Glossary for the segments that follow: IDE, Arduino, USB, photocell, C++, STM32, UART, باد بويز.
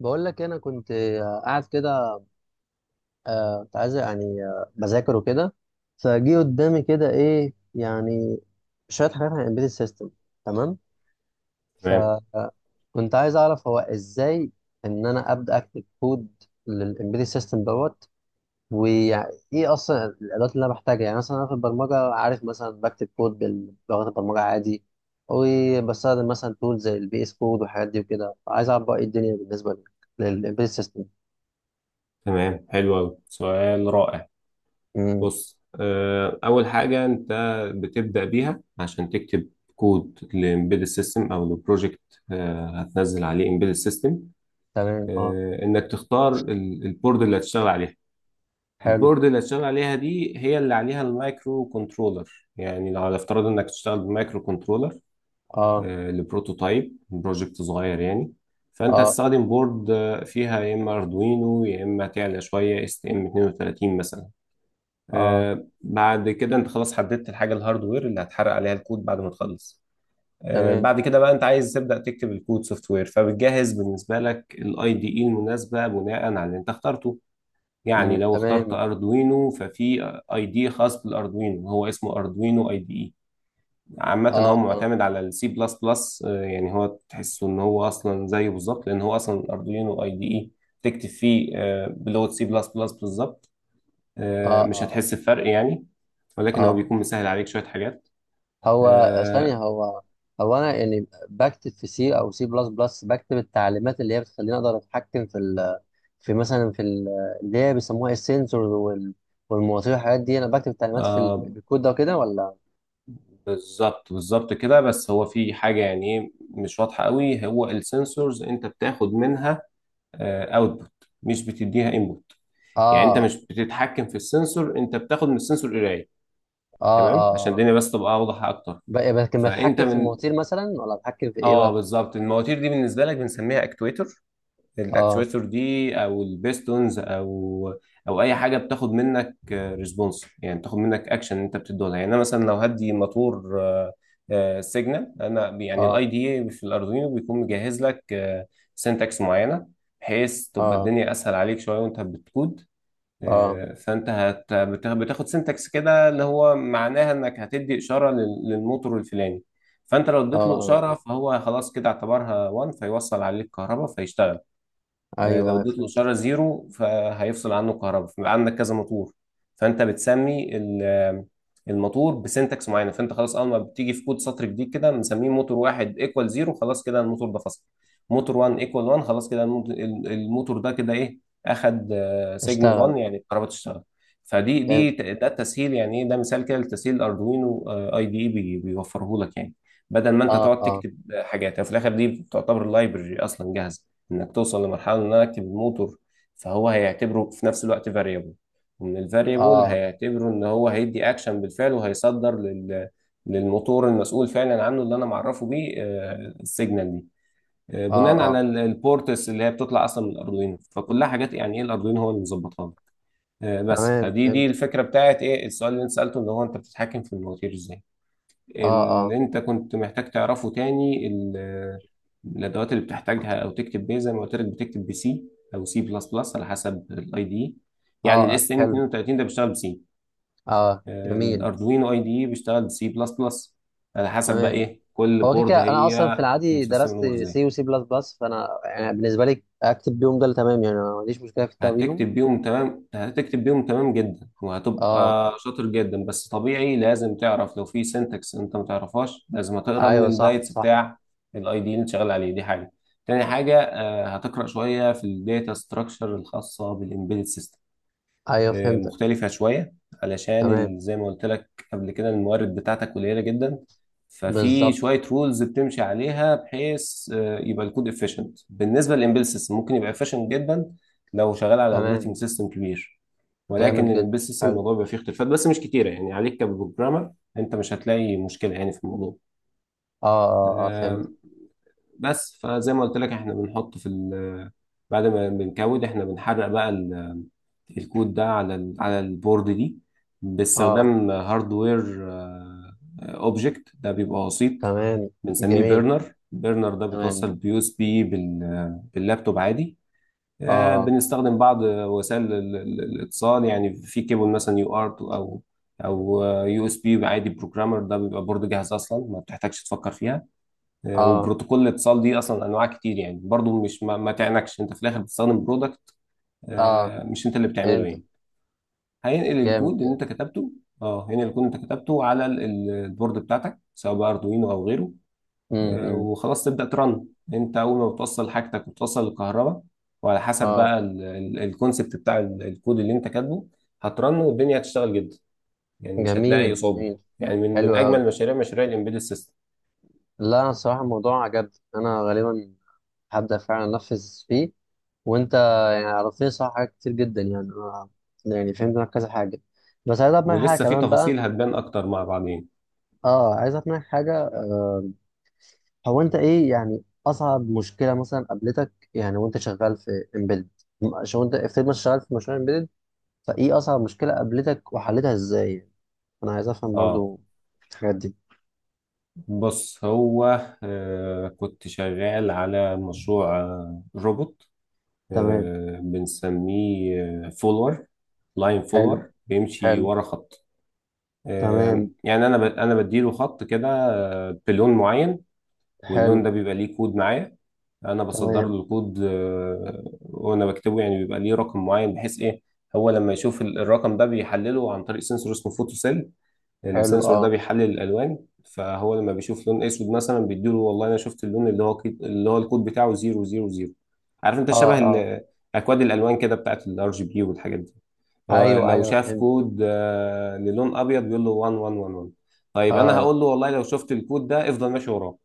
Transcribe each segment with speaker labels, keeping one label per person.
Speaker 1: بقول لك انا كنت قاعد كده. كنت عايز يعني بذاكر وكده. فجي قدامي كده ايه يعني شويه حاجات عن امبيدد سيستم. تمام.
Speaker 2: تمام،
Speaker 1: فكنت عايز اعرف هو ازاي ان انا ابدا اكتب كود للامبيدد سيستم دوت. وايه اصلا الادوات اللي انا بحتاجها؟ يعني مثلا انا في البرمجه عارف، مثلا بكتب كود بلغه البرمجه عادي، وبستخدم مثلا تول زي البي اس كود والحاجات دي وكده. فعايز اعرف بقى ايه الدنيا بالنسبه للامبيدد سيستم.
Speaker 2: تمام. حلو أوي، سؤال رائع. بص، أول حاجة أنت بتبدأ بيها عشان تكتب كود لإمبيدد سيستم أو لبروجكت هتنزل عليه إمبيدد سيستم،
Speaker 1: تمام. اه.
Speaker 2: إنك تختار البورد اللي هتشتغل عليها.
Speaker 1: حلو.
Speaker 2: البورد اللي هتشتغل عليها دي هي اللي عليها المايكرو كنترولر، يعني لو على افتراض إنك تشتغل بمايكرو كنترولر
Speaker 1: اه.
Speaker 2: لبروتوتايب بروجكت صغير يعني. فانت
Speaker 1: اه.
Speaker 2: هتستخدم بورد فيها يا اما اردوينو يا اما تعلى شويه اس تي ام 32 مثلا.
Speaker 1: اه.
Speaker 2: بعد كده انت خلاص حددت الحاجه الهاردوير اللي هتحرق عليها الكود بعد ما تخلص.
Speaker 1: تمام.
Speaker 2: بعد كده بقى انت عايز تبدا تكتب الكود سوفت وير، فبتجهز بالنسبه لك الاي دي اي المناسبه بناء على اللي انت اخترته. يعني
Speaker 1: مم،
Speaker 2: لو اخترت
Speaker 1: تمام.
Speaker 2: اردوينو ففي اي دي خاص بالاردوينو، هو اسمه اردوينو اي دي اي. عامة
Speaker 1: اه.
Speaker 2: هو
Speaker 1: اه.
Speaker 2: معتمد على السي بلس بلس، يعني هو تحسه ان هو اصلا زيه بالظبط لان هو اصلا اردوينو اي دي اي. تكتب فيه بلغة سي بلس بلس بالظبط.
Speaker 1: اه.
Speaker 2: مش
Speaker 1: اه.
Speaker 2: هتحس بفرق يعني، ولكن هو
Speaker 1: اه.
Speaker 2: بيكون مسهل عليك شوية حاجات.
Speaker 1: هو ثانية،
Speaker 2: آه،
Speaker 1: هو انا يعني بكتب في سي او سي بلس بلس، بكتب التعليمات اللي هي بتخليني اقدر اتحكم في ال في مثلا في ال اللي هي بيسموها السنسورز والمواطير والحاجات دي. انا بكتب التعليمات
Speaker 2: آه،
Speaker 1: بالكود ده وكده، ولا؟
Speaker 2: بالظبط بالظبط كده. بس هو في حاجة يعني إيه مش واضحة قوي. هو السنسورز انت بتاخد منها اوتبوت، مش بتديها انبوت. يعني انت
Speaker 1: اه.
Speaker 2: مش بتتحكم في السنسور، انت بتاخد من السنسور قراية.
Speaker 1: اه.
Speaker 2: تمام، عشان
Speaker 1: اه. آه.
Speaker 2: الدنيا بس تبقى اوضح اكتر.
Speaker 1: لكن
Speaker 2: فانت
Speaker 1: بتحكم في
Speaker 2: من
Speaker 1: المواتير مثلا، ولا بتحكم في ايه
Speaker 2: اه،
Speaker 1: بقى؟
Speaker 2: بالظبط. المواتير دي بالنسبه لك بنسميها اكتويتر.
Speaker 1: اه.
Speaker 2: الاكتويتر دي او البيستونز او اي حاجه بتاخد منك ريسبونس، يعني بتاخد منك اكشن انت بتديه لها. يعني انا مثلا لو هدي موتور سيجنال، انا يعني
Speaker 1: اه.
Speaker 2: الاي دي اي في الاردوينو بيكون مجهز لك سنتكس معينه بحيث تبقى
Speaker 1: اه.
Speaker 2: الدنيا اسهل عليك شويه وانت بتكود.
Speaker 1: اه.
Speaker 2: فانت بتاخد سنتكس كده اللي هو معناها انك هتدي اشاره للموتور الفلاني. فانت لو
Speaker 1: اه.
Speaker 2: اديت له
Speaker 1: اه.
Speaker 2: اشاره فهو خلاص كده اعتبرها 1 فيوصل عليه الكهرباء فيشتغل.
Speaker 1: ايوه،
Speaker 2: لو
Speaker 1: أيوة،
Speaker 2: اديت له
Speaker 1: فهمت.
Speaker 2: اشاره زيرو فهيفصل عنه الكهرباء. فبيبقى عندك كذا موتور، فانت بتسمي الموتور بسنتكس معينه. فانت خلاص اول ما بتيجي في كود سطر جديد كده بنسميه موتور واحد ايكوال زيرو، خلاص كده الموتور ده فصل. موتور 1 ايكوال 1، خلاص كده الموتور ده كده ايه اخد سيجنال
Speaker 1: اشتغل.
Speaker 2: 1 يعني الكهرباء تشتغل.
Speaker 1: فهمت.
Speaker 2: ده التسهيل. يعني ايه ده؟ مثال كده لتسهيل اردوينو اي دي اي بيوفره لك يعني. بدل ما انت
Speaker 1: اه.
Speaker 2: تقعد
Speaker 1: اه.
Speaker 2: تكتب حاجات يعني في الاخر دي بتعتبر لايبرري اصلا جاهزه، انك توصل لمرحله ان انا اكتب الموتور فهو هيعتبره في نفس الوقت فاريبل. ان الفاريبل
Speaker 1: اه.
Speaker 2: هيعتبره ان هو هيدي اكشن بالفعل، وهيصدر للموتور المسؤول فعلا عنه اللي انا معرفه بيه السيجنال دي.
Speaker 1: اه.
Speaker 2: بناء على
Speaker 1: اه.
Speaker 2: البورتس اللي هي بتطلع اصلا من الاردوينو، فكلها حاجات يعني ايه الاردوينو هو اللي مظبطها لي. بس
Speaker 1: تمام.
Speaker 2: فدي
Speaker 1: فهمت.
Speaker 2: الفكره بتاعت ايه السؤال اللي انت سالته، اللي هو انت بتتحكم في المواتير ازاي.
Speaker 1: اه. اه.
Speaker 2: اللي انت كنت محتاج تعرفه تاني الادوات اللي بتحتاجها او تكتب بيه. زي ما قلت لك بتكتب بسي او سي بلس بلس على حسب الاي دي.
Speaker 1: اه.
Speaker 2: يعني
Speaker 1: اه،
Speaker 2: الاس ام
Speaker 1: حلو.
Speaker 2: 32 ده بيشتغل بسي،
Speaker 1: اه. جميل.
Speaker 2: الاردوينو اي دي بيشتغل بسي بلس بلس. على حسب بقى
Speaker 1: تمام.
Speaker 2: ايه كل
Speaker 1: هو كده
Speaker 2: بورد
Speaker 1: كده انا اصلا
Speaker 2: هي
Speaker 1: في العادي
Speaker 2: مسيستم
Speaker 1: درست
Speaker 2: الامور ازاي.
Speaker 1: سي وسي بلس بلس، فانا يعني بالنسبه لي اكتب بيهم ده اللي تمام يعني. أنا ما عنديش مشكله في الكتاب بيهم.
Speaker 2: هتكتب بيهم تمام، هتكتب بيهم تمام جدا
Speaker 1: اه.
Speaker 2: وهتبقى شاطر جدا. بس طبيعي لازم تعرف لو في سنتكس انت ما تعرفهاش لازم تقرا من
Speaker 1: ايوه. صح،
Speaker 2: الجايدز
Speaker 1: صح.
Speaker 2: بتاع الاي دي اللي انت شغال عليه، دي حاجه. تاني حاجه هتقرا شويه في الداتا ستراكشر الخاصه بالامبيدد سيستم،
Speaker 1: ايوه، فهمتك.
Speaker 2: مختلفة شوية. علشان
Speaker 1: تمام.
Speaker 2: زي ما قلت لك قبل كده الموارد بتاعتك قليلة جدا. ففي
Speaker 1: بالظبط.
Speaker 2: شوية رولز بتمشي عليها بحيث يبقى الكود efficient بالنسبة للإمبيل سيستم. ممكن يبقى efficient جدا لو شغال على اوبريتنج
Speaker 1: تمام.
Speaker 2: سيستم كبير،
Speaker 1: جامد
Speaker 2: ولكن
Speaker 1: جدا.
Speaker 2: الإمبيل سيستم
Speaker 1: حلو.
Speaker 2: الموضوع بيبقى فيه اختلافات بس مش كتيرة يعني عليك كبروجرامر. أنت مش هتلاقي مشكلة يعني في
Speaker 1: اه. اه. اه. فهمت.
Speaker 2: الموضوع. بس فزي ما قلت لك احنا بنحط في ال بعد ما بنكود احنا بنحرق بقى الكود ده على البورد دي
Speaker 1: اه.
Speaker 2: باستخدام هاردوير اوبجكت. ده بيبقى وسيط
Speaker 1: تمام.
Speaker 2: بنسميه
Speaker 1: جميل.
Speaker 2: بيرنر. بيرنر ده
Speaker 1: تمام.
Speaker 2: بيتوصل بيو اس بي باللابتوب عادي.
Speaker 1: اه.
Speaker 2: بنستخدم بعض وسائل الاتصال يعني في كيبل مثلا يو ارت او يو اس بي عادي. بروجرامر ده بيبقى بورد جاهز اصلا ما بتحتاجش تفكر فيها.
Speaker 1: اه.
Speaker 2: وبروتوكول الاتصال دي اصلا انواع كتير، يعني برضو مش ما تعنكش انت في الاخر بتستخدم برودكت.
Speaker 1: اه.
Speaker 2: مش انت اللي بتعمله
Speaker 1: فهمت.
Speaker 2: يعني. هينقل الكود
Speaker 1: جامد
Speaker 2: اللي
Speaker 1: جامد.
Speaker 2: انت كتبته. اه هينقل الكود اللي انت كتبته على البورد بتاعتك سواء بقى اردوينو او غيره.
Speaker 1: امم. امم.
Speaker 2: وخلاص تبدا ترن. انت اول ما بتوصل حاجتك وتوصل الكهرباء، وعلى حسب
Speaker 1: اه.
Speaker 2: بقى الكونسبت بتاع الكود اللي انت كاتبه هترن والدنيا هتشتغل جدا. يعني مش هتلاقي
Speaker 1: جميل
Speaker 2: اصابه.
Speaker 1: جميل.
Speaker 2: يعني من
Speaker 1: حلو قوي.
Speaker 2: اجمل مشاريع مشاريع الامبيدد سيستم.
Speaker 1: لا، انا الصراحه الموضوع عجبني. انا غالبا هبدا فعلا انفذ فيه. وانت يعني عرفتني صح حاجات كتير جدا يعني. انا يعني فهمت منك كذا حاجه، بس عايز اعرف منك حاجه
Speaker 2: ولسه في
Speaker 1: كمان بقى.
Speaker 2: تفاصيل هتبان اكتر مع بعضين.
Speaker 1: اه، عايز اعرف منك حاجه. هو انت ايه يعني اصعب مشكله مثلا قابلتك، يعني وانت شغال في امبيدد؟ عشان انت افترض مثلا شغال في مشروع امبيدد، فايه اصعب مشكله قابلتك، وحلتها ازاي يعني؟ انا عايز افهم
Speaker 2: اه
Speaker 1: برضو الحاجات دي.
Speaker 2: بص هو كنت شغال على مشروع روبوت
Speaker 1: تمام.
Speaker 2: بنسميه فولور، لاين
Speaker 1: حلو.
Speaker 2: فولور بيمشي
Speaker 1: حلو.
Speaker 2: ورا خط.
Speaker 1: تمام.
Speaker 2: يعني انا انا بديله خط كده بلون معين، واللون
Speaker 1: حلو.
Speaker 2: ده بيبقى ليه كود معايا. انا بصدر
Speaker 1: تمام.
Speaker 2: له الكود وانا بكتبه. يعني بيبقى ليه رقم معين بحيث ايه؟ هو لما يشوف الرقم ده بيحلله عن طريق سنسور اسمه فوتو سيل.
Speaker 1: حلو.
Speaker 2: السنسور
Speaker 1: اه.
Speaker 2: ده بيحلل الالوان. فهو لما بيشوف لون اسود مثلا بيديله والله انا شفت اللون اللي هو اللي هو الكود بتاعه 000. عارف انت
Speaker 1: اه.
Speaker 2: شبه
Speaker 1: اه.
Speaker 2: اكواد الالوان كده بتاعت الار جي بي والحاجات دي. هو
Speaker 1: ايوه.
Speaker 2: لو
Speaker 1: ايوه،
Speaker 2: شاف
Speaker 1: فهمت.
Speaker 2: كود للون ابيض بيقول له 1111. طيب انا
Speaker 1: اه.
Speaker 2: هقول له والله لو شفت الكود ده افضل ماشي وراه.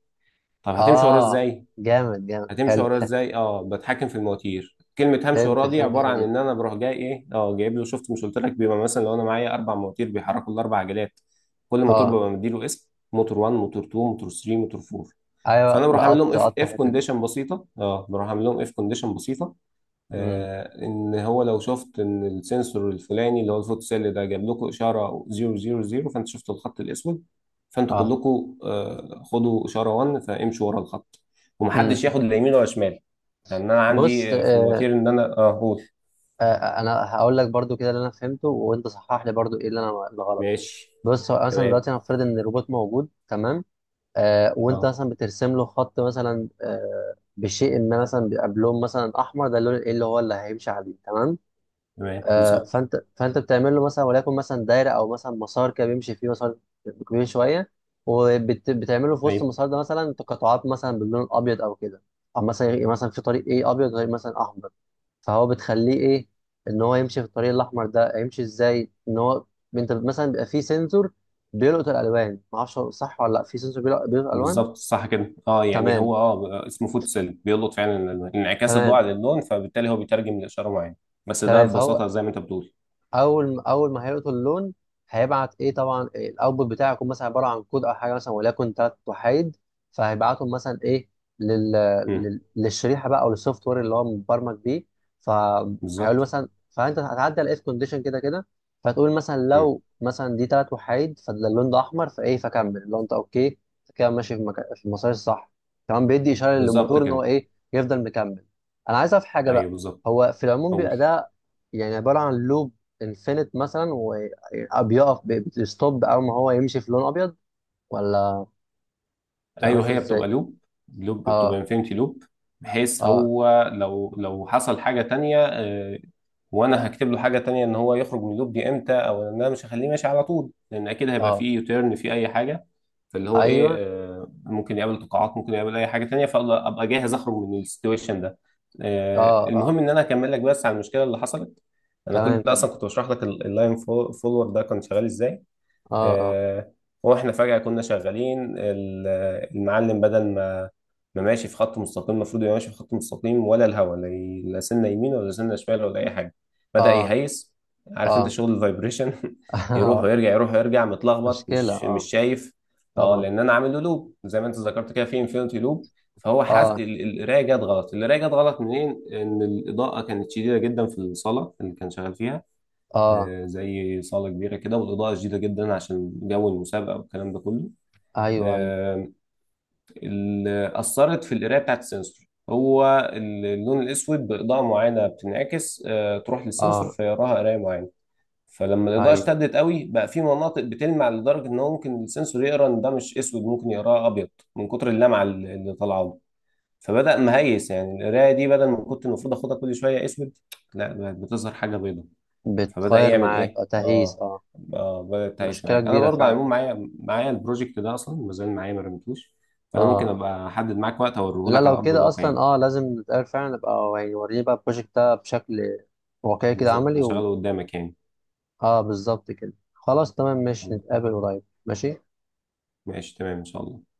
Speaker 2: طب هتمشي وراه
Speaker 1: اه.
Speaker 2: ازاي؟
Speaker 1: جامد جامد.
Speaker 2: هتمشي
Speaker 1: حلو.
Speaker 2: وراه ازاي؟ اه بتحكم في المواتير. كلمه همشي
Speaker 1: فهمت
Speaker 2: وراه دي
Speaker 1: فهمت
Speaker 2: عباره
Speaker 1: الحته
Speaker 2: عن
Speaker 1: دي.
Speaker 2: ان انا بروح جاي ايه. اه جايب له شفت مش قلت لك بيبقى مثلا لو انا معايا اربع مواتير بيحركوا الاربع عجلات. كل موتور
Speaker 1: اه.
Speaker 2: ببقى مديله اسم موتور 1 موتور 2 موتور 3 موتور 4.
Speaker 1: ايوه،
Speaker 2: فانا بروح عامل لهم
Speaker 1: لقطت
Speaker 2: اف
Speaker 1: لقطت
Speaker 2: اف
Speaker 1: الحته دي.
Speaker 2: كونديشن بسيطه اه بروح عامل لهم اف كونديشن بسيطه.
Speaker 1: امم.
Speaker 2: ان هو لو شفت ان السنسور الفلاني اللي هو الفوتوسيل ده جاب لكم اشاره 000 فانت شفت الخط الاسود، فانتوا
Speaker 1: اه.
Speaker 2: كلكم خدوا اشاره 1 فامشوا ورا الخط. ومحدش
Speaker 1: امم.
Speaker 2: ياخد لا يمين ولا شمال، لان انا
Speaker 1: بص.
Speaker 2: عندي في المواتير ان انا اه قول
Speaker 1: انا هقول لك برضو كده اللي انا فهمته، وانت صحح لي برضو ايه اللي انا اللي غلط.
Speaker 2: ماشي.
Speaker 1: بص، هو مثلا
Speaker 2: تمام،
Speaker 1: دلوقتي هنفترض ان الروبوت موجود، تمام. وانت
Speaker 2: اه
Speaker 1: مثلا بترسم له خط مثلا، بشيء ما، مثلا بيبقى بلون مثلا احمر. ده اللون ايه اللي هو اللي هيمشي عليه، تمام.
Speaker 2: تمام بالظبط.
Speaker 1: فانت بتعمل له مثلا، وليكن مثلا دايره او مثلا مسار كده بيمشي فيه، مسار كبير شويه. وبتعمل له في وسط
Speaker 2: ايوه
Speaker 1: المسار ده مثلا تقاطعات، مثلا باللون الابيض او كده، او مثلا في طريق ايه ابيض غير مثلا احمر. فهو بتخليه ايه؟ ان هو يمشي في الطريق الاحمر ده. هيمشي ازاي ان هو، انت مثلا بيبقى فيه سنسور بيلقط الالوان، ما اعرفش صح ولا لا؟ في سنسور بيلقط الالوان.
Speaker 2: بالظبط صح كده. اه يعني
Speaker 1: تمام.
Speaker 2: هو اه اسمه فوتوسيل بيلقط فعلا الألوان. انعكاس الضوء
Speaker 1: تمام.
Speaker 2: على اللون فبالتالي هو بيترجم لاشاره معينه. بس ده
Speaker 1: تمام. فهو
Speaker 2: ببساطه زي ما انت بتقول.
Speaker 1: اول ما هيقرا اللون هيبعت ايه؟ طبعا إيه الاوتبوت بتاعه؟ يكون مثلا عباره عن كود او حاجه، مثلا وليكن ثلاث وحيد. فهيبعتهم مثلا ايه، لل...
Speaker 2: مم،
Speaker 1: للشريحه بقى، او للسوفت وير اللي هو مبرمج بيه. فهيقول له
Speaker 2: بالظبط.
Speaker 1: مثلا، فانت هتعدي على اف كونديشن كده كده. فتقول مثلا
Speaker 2: مم.
Speaker 1: لو مثلا دي ثلاث وحيد، فاللون ده احمر، فايه؟ فكمل لو انت اوكي كده، ماشي مكان في المسار الصح. كمان بيدي اشاره
Speaker 2: بالظبط
Speaker 1: للموتور ان هو
Speaker 2: كده.
Speaker 1: ايه؟ يفضل مكمل. انا عايز اعرف حاجه
Speaker 2: ايوه
Speaker 1: بقى.
Speaker 2: بالظبط.
Speaker 1: هو في العموم بيبقى
Speaker 2: قول.
Speaker 1: ده يعني عباره عن لوب الفينت مثلا، وبيقف بيستوب اول ما هو يمشي في لون ابيض، ولا بتبقى
Speaker 2: ايوه
Speaker 1: ماشي
Speaker 2: هي بتبقى
Speaker 1: ازاي؟
Speaker 2: لوب، لوب بتبقى
Speaker 1: اه.
Speaker 2: انفينيتي لوب. بحيث
Speaker 1: اه.
Speaker 2: هو لو حصل حاجه تانية وانا هكتب له حاجه تانية ان هو يخرج من اللوب دي امتى. او ان انا مش هخليه ماشي على طول لان اكيد هيبقى
Speaker 1: اه.
Speaker 2: فيه يوتيرن فيه اي حاجه. فاللي هو
Speaker 1: ايوه.
Speaker 2: ايه ممكن يقابل تقاعات ممكن يقابل اي حاجه تانية، فابقى جاهز اخرج من السيتويشن ده.
Speaker 1: اه.
Speaker 2: المهم
Speaker 1: اه.
Speaker 2: ان انا اكمل لك بس على المشكله اللي حصلت. انا كل
Speaker 1: تمام،
Speaker 2: ده
Speaker 1: كمل.
Speaker 2: اصلا كنت بشرح لك اللاين فولور ده كان شغال ازاي.
Speaker 1: اه. اه.
Speaker 2: آه، واحنا فجأة كنا شغالين المعلم بدل ما ماشي في خط مستقيم المفروض يبقى ماشي في خط مستقيم ولا الهوا، لا لا سنة يمين ولا سنة شمال ولا أي حاجة. بدأ
Speaker 1: اه.
Speaker 2: يهيس. عارف أنت
Speaker 1: اه.
Speaker 2: شغل الفايبريشن يروح
Speaker 1: آه.
Speaker 2: ويرجع، يروح ويرجع، متلخبط
Speaker 1: مشكلة.
Speaker 2: مش
Speaker 1: اه،
Speaker 2: شايف. اه
Speaker 1: طبعا.
Speaker 2: لأن أنا عامل له لوب زي ما أنت ذكرت كده في انفينيتي لوب. فهو حاس
Speaker 1: اه.
Speaker 2: القراية جت غلط، القراية جت غلط منين؟ إن الإضاءة كانت شديدة جدا في الصالة اللي كان شغال فيها.
Speaker 1: اه.
Speaker 2: زي صالة كبيرة كده والإضاءة شديدة جدا عشان جو المسابقة والكلام ده كله.
Speaker 1: ايوه. ايوه.
Speaker 2: آه، اللي أثرت في القراية بتاعت السنسور هو اللون الأسود بإضاءة معينة بتنعكس تروح للسنسور
Speaker 1: اه.
Speaker 2: فيراها قراية معينة. فلما الإضاءة
Speaker 1: ايوه،
Speaker 2: اشتدت قوي بقى في مناطق بتلمع لدرجة إن هو ممكن السنسور يقرأ إن ده مش أسود، ممكن يقراه أبيض من كتر اللمعة اللي طالعة له. فبدأ مهيس يعني. القراية دي بدل ما كنت المفروض آخدها كل شوية أسود، لا بقت بتظهر حاجة بيضاء. فبدأ
Speaker 1: بتغير
Speaker 2: يعمل
Speaker 1: معاك.
Speaker 2: ايه.
Speaker 1: اه، تهيس.
Speaker 2: اه
Speaker 1: اه،
Speaker 2: اه بدأ يتهيس
Speaker 1: مشكلة
Speaker 2: معاك. انا
Speaker 1: كبيرة
Speaker 2: برضه على
Speaker 1: فعلا.
Speaker 2: العموم معايا البروجكت ده اصلا ما زال معايا ما رميتوش. فانا ممكن
Speaker 1: اه.
Speaker 2: ابقى احدد معاك وقت اوريه
Speaker 1: لا،
Speaker 2: لك على
Speaker 1: لو
Speaker 2: ارض
Speaker 1: كده
Speaker 2: الواقع
Speaker 1: اصلا
Speaker 2: يعني.
Speaker 1: اه لازم نتقابل فعلا، نبقى يعني وريني بقى البروجكت ده بشكل واقعي كده،
Speaker 2: بالظبط
Speaker 1: عملي.
Speaker 2: انا شغاله قدامك يعني.
Speaker 1: اه، بالظبط كده. خلاص تمام، ماشي. نتقابل قريب. ماشي.
Speaker 2: ماشي تمام ان شاء الله.